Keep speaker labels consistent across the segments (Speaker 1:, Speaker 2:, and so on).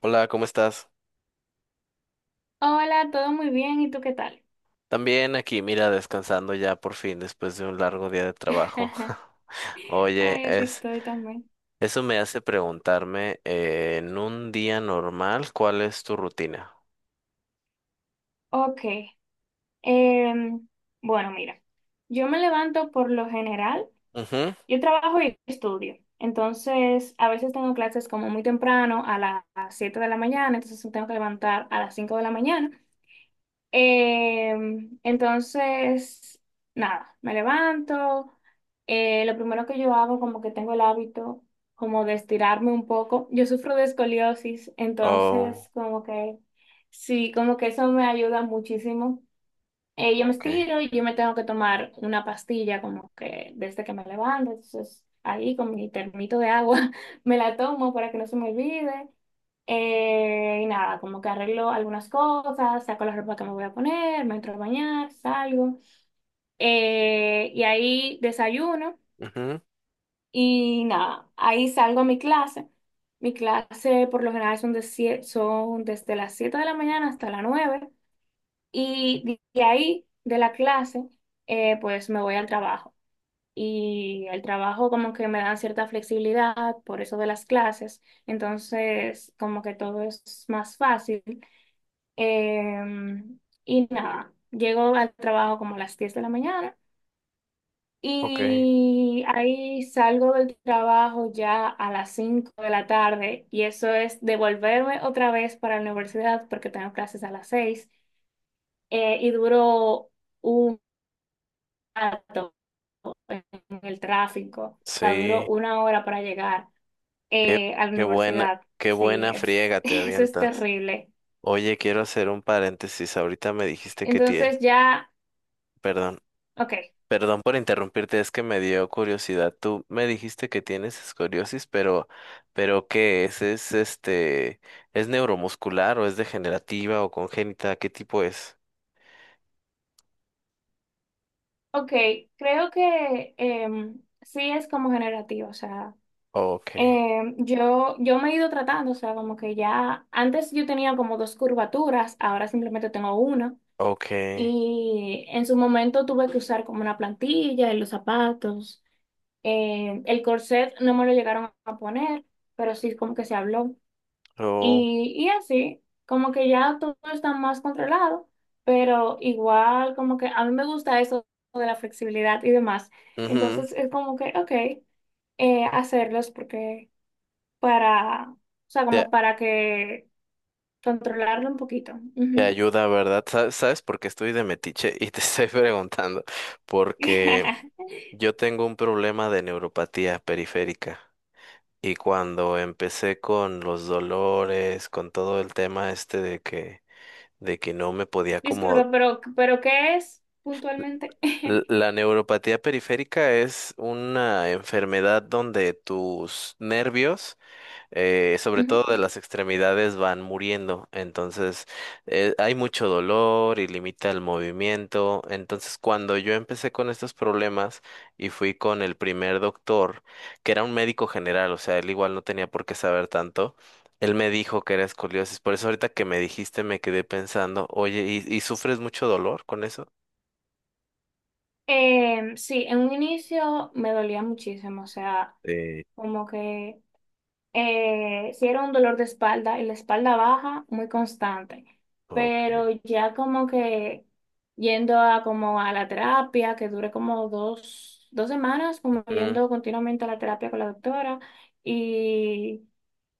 Speaker 1: Hola, ¿cómo estás?
Speaker 2: Hola, todo muy bien, ¿y tú qué tal?
Speaker 1: También aquí, mira, descansando ya por fin después de un largo día de trabajo. Oye,
Speaker 2: Ay, así estoy también.
Speaker 1: eso me hace preguntarme, en un día normal, ¿cuál es tu rutina?
Speaker 2: Ok, em, bueno, mira, yo me levanto por lo general,
Speaker 1: Ujú.
Speaker 2: yo trabajo y estudio, entonces a veces tengo clases como muy temprano, a las 7 de la mañana. Entonces me tengo que levantar a las 5 de la mañana. Eh, entonces, nada, me levanto. Lo primero que yo hago, como que tengo el hábito, como de estirarme un poco. Yo sufro de escoliosis,
Speaker 1: Oh,
Speaker 2: entonces, como que sí, como que eso me ayuda muchísimo. Yo me
Speaker 1: okay.
Speaker 2: estiro y yo me tengo que tomar una pastilla, como que desde que me levanto. Entonces, ahí con mi termito de agua me la tomo para que no se me olvide. Y nada, como que arreglo algunas cosas, saco la ropa que me voy a poner, me entro a bañar, salgo. Y ahí desayuno
Speaker 1: Ujú,
Speaker 2: y nada, ahí salgo a mi clase. Mi clase por lo general son, son desde las 7 de la mañana hasta las 9. Y de ahí, de la clase, pues me voy al trabajo. Y el trabajo como que me dan cierta flexibilidad por eso de las clases. Entonces, como que todo es más fácil. Em, y nada, llego al trabajo como a las 10 de la mañana
Speaker 1: okay.
Speaker 2: y ahí salgo del trabajo ya a las 5 de la tarde y eso es devolverme otra vez para la universidad porque tengo clases a las 6. Eh, y duró un rato en el tráfico, o sea,
Speaker 1: Sí,
Speaker 2: duró una hora para llegar
Speaker 1: qué,
Speaker 2: a la
Speaker 1: qué buena,
Speaker 2: universidad.
Speaker 1: qué
Speaker 2: Sí,
Speaker 1: buena
Speaker 2: es,
Speaker 1: friega te
Speaker 2: eso es
Speaker 1: avientas.
Speaker 2: terrible.
Speaker 1: Oye, quiero hacer un paréntesis. Ahorita me dijiste
Speaker 2: Entonces ya...
Speaker 1: perdón,
Speaker 2: Ok.
Speaker 1: Perdón por interrumpirte, es que me dio curiosidad. Tú me dijiste que tienes escoriosis, pero ¿qué es? ¿Es neuromuscular o es degenerativa o congénita? ¿Qué tipo es?
Speaker 2: Ok, creo que sí es como generativo, o sea,
Speaker 1: Okay,
Speaker 2: yo me he ido tratando, o sea, como que ya antes yo tenía como dos curvaturas, ahora simplemente tengo una,
Speaker 1: okay.
Speaker 2: y en su momento tuve que usar como una plantilla en los zapatos. El corset no me lo llegaron a poner, pero sí como que se habló.
Speaker 1: Oh,
Speaker 2: Y así, como que ya todo está más controlado, pero igual como que a mí me gusta eso de la flexibilidad y demás.
Speaker 1: ujú.
Speaker 2: Entonces es como que, ok, hacerlos porque para, o sea,
Speaker 1: Te,
Speaker 2: como para que controlarlo un poquito.
Speaker 1: te
Speaker 2: Ujú.
Speaker 1: ayuda, ¿verdad? ¿Sabes por qué estoy de metiche y te estoy preguntando? Porque yo tengo un problema de neuropatía periférica. Y cuando empecé con los dolores, con todo el tema este de que no me podía como...
Speaker 2: Disculpa, pero ¿qué es puntualmente?
Speaker 1: L- La neuropatía periférica es una enfermedad donde tus nervios, sobre
Speaker 2: Ujú.
Speaker 1: todo de las extremidades, van muriendo. Entonces hay mucho dolor y limita el movimiento. Entonces cuando yo empecé con estos problemas y fui con el primer doctor, que era un médico general, o sea, él igual no tenía por qué saber tanto, él me dijo que era escoliosis. Por eso ahorita que me dijiste me quedé pensando, oye, ¿y sufres mucho dolor con eso?
Speaker 2: Sí, en un inicio me dolía muchísimo, o sea,
Speaker 1: Sí,
Speaker 2: como que... sí era un dolor de espalda y la espalda baja muy constante,
Speaker 1: ok.
Speaker 2: pero ya como que yendo a como a la terapia, que dure como dos semanas, como yendo continuamente a la terapia con la doctora y,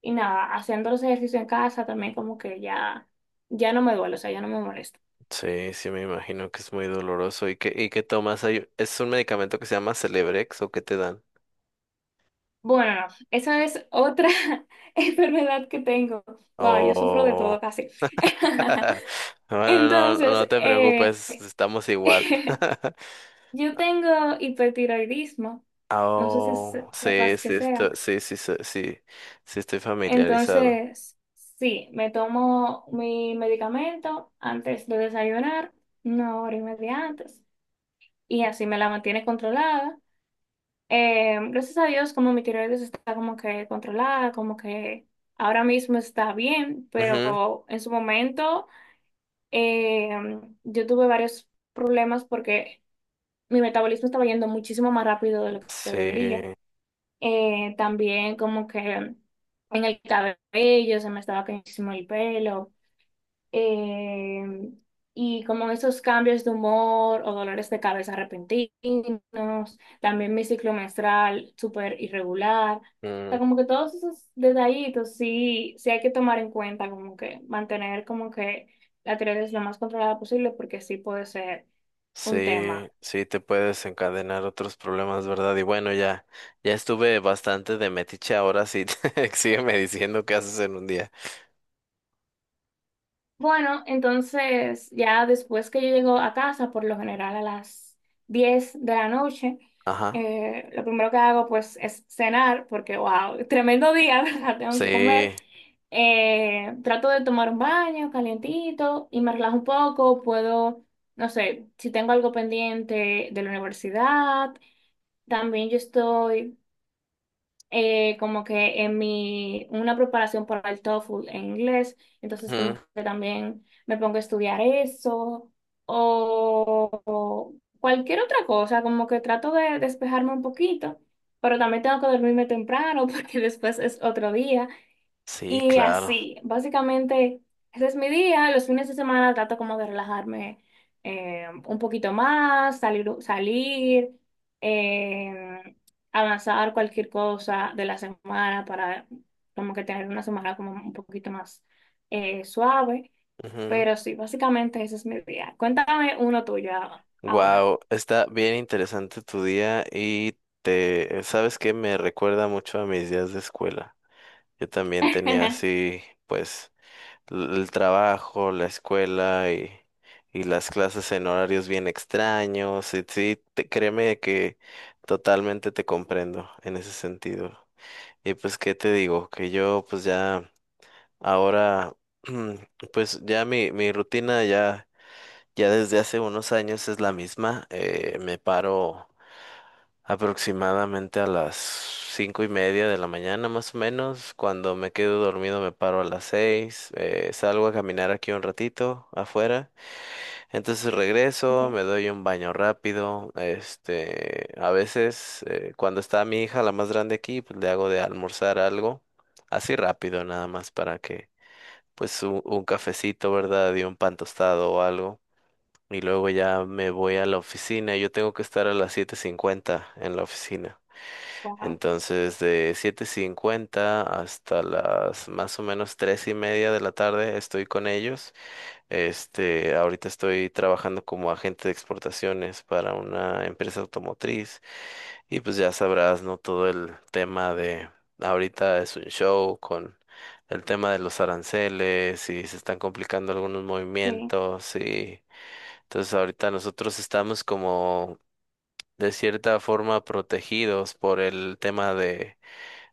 Speaker 2: y nada, haciendo los ejercicios en casa también como que ya no me duele, o sea, ya no me molesta.
Speaker 1: Sí, sí, me imagino que es muy doloroso. ¿Y qué tomas? ¿Es un medicamento que se llama Celebrex o qué te dan?
Speaker 2: Bueno, esa es otra enfermedad que tengo. Wow, yo sufro de
Speaker 1: O...
Speaker 2: todo casi.
Speaker 1: Bueno, no, no
Speaker 2: Entonces,
Speaker 1: no te preocupes, estamos igual.
Speaker 2: yo tengo hipertiroidismo, no sé si
Speaker 1: Oh, sí,
Speaker 2: sepas qué
Speaker 1: sí,
Speaker 2: sea.
Speaker 1: sí, sí, sí, sí, sí estoy familiarizado.
Speaker 2: Entonces, sí, me tomo mi medicamento antes de desayunar, una hora y media antes, y así me la mantiene controlada. Gracias a Dios, como mi tiroides está como que controlada, como que ahora mismo está bien,
Speaker 1: Ujú.
Speaker 2: pero en su momento yo tuve varios problemas porque mi metabolismo estaba yendo muchísimo más rápido de lo que
Speaker 1: Sí,
Speaker 2: debería. También como que en el cabello se me estaba cayendo muchísimo el pelo. Eh, y como esos cambios de humor o dolores de cabeza repentinos. También mi ciclo menstrual súper irregular. O sea,
Speaker 1: mm,
Speaker 2: como que todos esos detallitos sí, sí hay que tomar en cuenta, como que mantener como que la tiroides lo más controlada posible porque sí puede ser un tema.
Speaker 1: sí, sí, te puede desencadenar otros problemas, ¿verdad? Y bueno, ya estuve bastante de metiche ahora, sí. Sígueme diciendo qué haces en un día.
Speaker 2: Bueno, entonces ya después que yo llego a casa, por lo general a las 10 de la noche,
Speaker 1: Ajá.
Speaker 2: lo primero que hago pues es cenar, porque wow, tremendo día, ¿verdad? Tengo que comer.
Speaker 1: Sí,
Speaker 2: Trato de tomar un baño calientito y me relajo un poco, puedo, no sé, si tengo algo pendiente de la universidad, también yo estoy como que en una preparación para el TOEFL en inglés, entonces como
Speaker 1: ujú.
Speaker 2: que también me pongo a estudiar eso o cualquier otra cosa, como que trato de despejarme un poquito, pero también tengo que dormirme temprano porque después es otro día
Speaker 1: Sí,
Speaker 2: y
Speaker 1: claro.
Speaker 2: así, básicamente, ese es mi día. Los fines de semana trato como de relajarme un poquito más, salir, salir eh, avanzar cualquier cosa de la semana para como que tener una semana como un poquito más suave. Pero sí, básicamente ese es mi día. Cuéntame uno tuyo ahora.
Speaker 1: Wow, está bien interesante tu día. Y ¿sabes qué? Me recuerda mucho a mis días de escuela. Yo también tenía así, pues, el trabajo, la escuela y las clases en horarios bien extraños. Y sí, créeme que totalmente te comprendo en ese sentido. Y pues, ¿qué te digo? Que yo, pues ya, ahora, pues ya mi rutina ya... Ya desde hace unos años es la misma. Me paro aproximadamente a las 5:30 de la mañana, más o menos. Cuando me quedo dormido me paro a las 6. Salgo a caminar aquí un ratito afuera. Entonces regreso,
Speaker 2: Ok.
Speaker 1: me doy un baño rápido. Este, a veces cuando está mi hija, la más grande aquí, pues le hago de almorzar algo así rápido, nada más para que, pues un cafecito, ¿verdad? Y un pan tostado o algo, y luego ya me voy a la oficina. Yo tengo que estar a las 7:50 en la oficina.
Speaker 2: Wow,
Speaker 1: Entonces, de 7:50 hasta las, más o menos, 3:30 de la tarde estoy con ellos. Este, ahorita estoy trabajando como agente de exportaciones para una empresa automotriz, y pues ya sabrás, ¿no? Todo el tema de ahorita es un show con el tema de los aranceles y se están complicando algunos
Speaker 2: sí,
Speaker 1: movimientos. Y entonces ahorita nosotros estamos, como de cierta forma, protegidos por el tema de,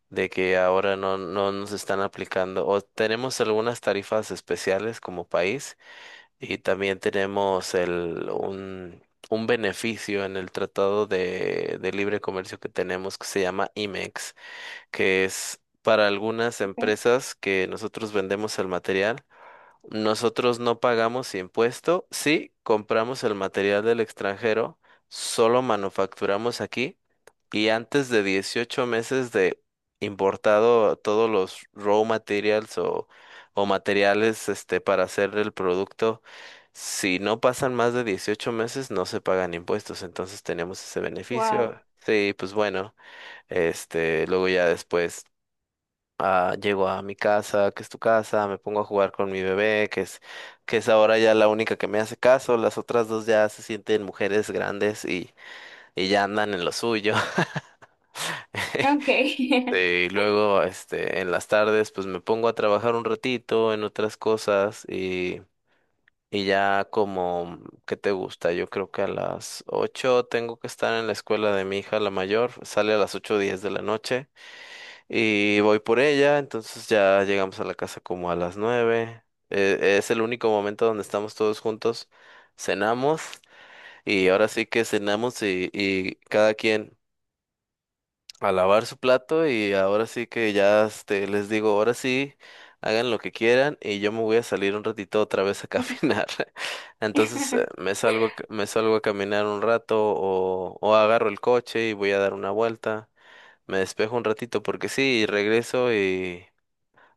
Speaker 1: de que ahora no, no nos están aplicando, o tenemos algunas tarifas especiales como país. Y también tenemos un beneficio en el tratado de libre comercio que tenemos, que se llama IMEX, que es para algunas
Speaker 2: ok,
Speaker 1: empresas que nosotros vendemos el material. Nosotros no pagamos impuesto, sí compramos el material del extranjero, solo manufacturamos aquí, y antes de 18 meses de importado todos los raw materials o materiales, este, para hacer el producto, si no pasan más de 18 meses no se pagan impuestos. Entonces tenemos ese
Speaker 2: wow.
Speaker 1: beneficio. Sí, pues bueno. Este, luego ya después, llego a mi casa, que es tu casa, me pongo a jugar con mi bebé, que es ahora ya la única que me hace caso. Las otras dos ya se sienten mujeres grandes, y ya andan en lo suyo.
Speaker 2: Okay.
Speaker 1: Y luego, este, en las tardes, pues me pongo a trabajar un ratito en otras cosas, y ya como, ¿qué te gusta? Yo creo que a las 8 tengo que estar en la escuela de mi hija, la mayor, sale a las 8:10 de la noche. Y voy por ella, entonces ya llegamos a la casa como a las 9. Es el único momento donde estamos todos juntos. Cenamos, y ahora sí que cenamos, y cada quien a lavar su plato. Y ahora sí que ya, este, les digo, ahora sí, hagan lo que quieran, y yo me voy a salir un ratito otra vez a caminar. Entonces me salgo a caminar un rato, o agarro el coche y voy a dar una vuelta. Me despejo un ratito porque sí, y regreso y...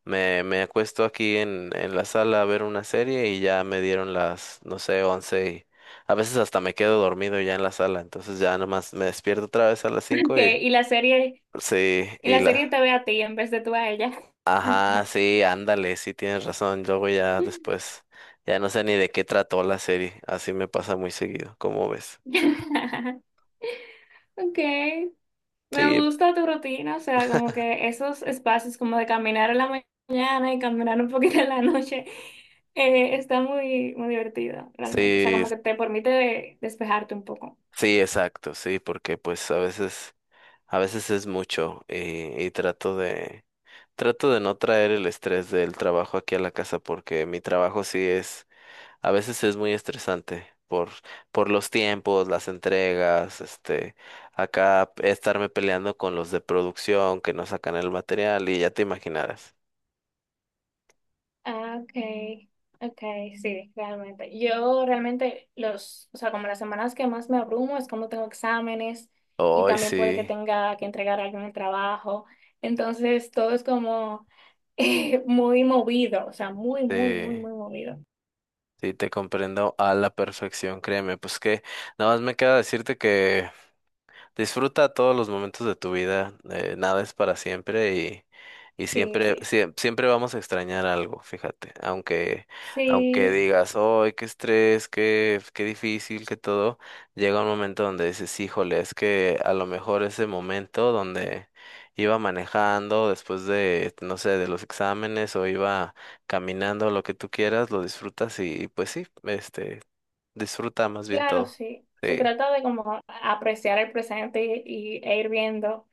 Speaker 1: Me acuesto aquí en la sala a ver una serie, y ya me dieron las, no sé, 11, y a veces hasta me quedo dormido ya en la sala. Entonces ya nomás me despierto otra vez a las 5 y
Speaker 2: Okay, y la serie...
Speaker 1: sí,
Speaker 2: Y
Speaker 1: y
Speaker 2: la serie
Speaker 1: la...
Speaker 2: te ve a ti en vez de tú a ella.
Speaker 1: Ajá, sí, ándale, sí, tienes razón. Luego, ya después, ya no sé ni de qué trató la serie, así me pasa muy seguido. ¿Cómo ves?
Speaker 2: Ok, me
Speaker 1: Sí,
Speaker 2: gusta tu rutina, o sea, como que esos espacios como de caminar en la mañana y caminar un poquito en la noche, está muy, muy divertido realmente, o sea,
Speaker 1: sí,
Speaker 2: como que te permite despejarte un poco.
Speaker 1: sí, exacto, sí. Porque pues a veces es mucho, y trato de... Trato de no traer el estrés del trabajo aquí a la casa, porque mi trabajo sí es, a veces es muy estresante por los tiempos, las entregas, este, acá estarme peleando con los de producción que no sacan el material, y ya te imaginarás.
Speaker 2: Ah, okay, ok, sí, realmente. Yo realmente los, o sea, como las semanas que más me abrumo es cuando tengo exámenes y
Speaker 1: Hoy
Speaker 2: también puede que
Speaker 1: sí,
Speaker 2: tenga que entregar algún trabajo. Entonces todo es como muy movido, o sea, muy, muy, muy,
Speaker 1: sí,
Speaker 2: muy movido.
Speaker 1: sí te comprendo a la perfección, créeme. Pues que nada más me queda decirte que: disfruta todos los momentos de tu vida, nada es para siempre, y
Speaker 2: Sí,
Speaker 1: siempre,
Speaker 2: sí.
Speaker 1: siem- siempre vamos a extrañar algo, fíjate, aunque
Speaker 2: Sí.
Speaker 1: digas, ¡ay, qué estrés, qué difícil, qué todo! Llega un momento donde dices: híjole, es que a lo mejor ese momento donde iba manejando después de, no sé, de los exámenes, o iba caminando, lo que tú quieras, lo disfrutas, y pues sí, este, disfruta más bien
Speaker 2: Claro,
Speaker 1: todo.
Speaker 2: sí. Se
Speaker 1: Sí,
Speaker 2: trata de como apreciar el presente e ir viendo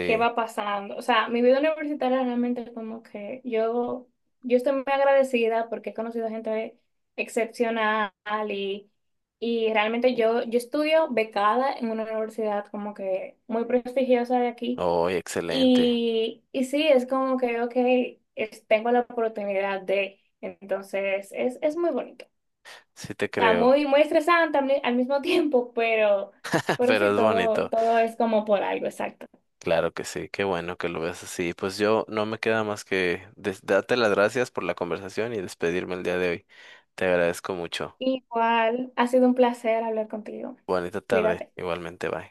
Speaker 2: qué va pasando. O sea, mi vida universitaria realmente como que yo estoy muy agradecida porque he conocido gente excepcional y, y realmente yo estudio becada en una universidad como que muy prestigiosa de aquí.
Speaker 1: ¡Ay, excelente!
Speaker 2: Y sí, es como que, ok, tengo la oportunidad de, entonces, es muy bonito.
Speaker 1: Sí te
Speaker 2: Está
Speaker 1: creo.
Speaker 2: muy, muy estresante al al mismo tiempo, pero,
Speaker 1: Pero
Speaker 2: sí,
Speaker 1: es
Speaker 2: todo,
Speaker 1: bonito.
Speaker 2: todo es como por algo, exacto.
Speaker 1: Claro que sí, qué bueno que lo ves así. Pues yo no me queda más que darte las gracias por la conversación y despedirme el día de hoy. Te agradezco mucho.
Speaker 2: Igual, ha sido un placer hablar contigo.
Speaker 1: Bonita tarde,
Speaker 2: Cuídate.
Speaker 1: igualmente, bye.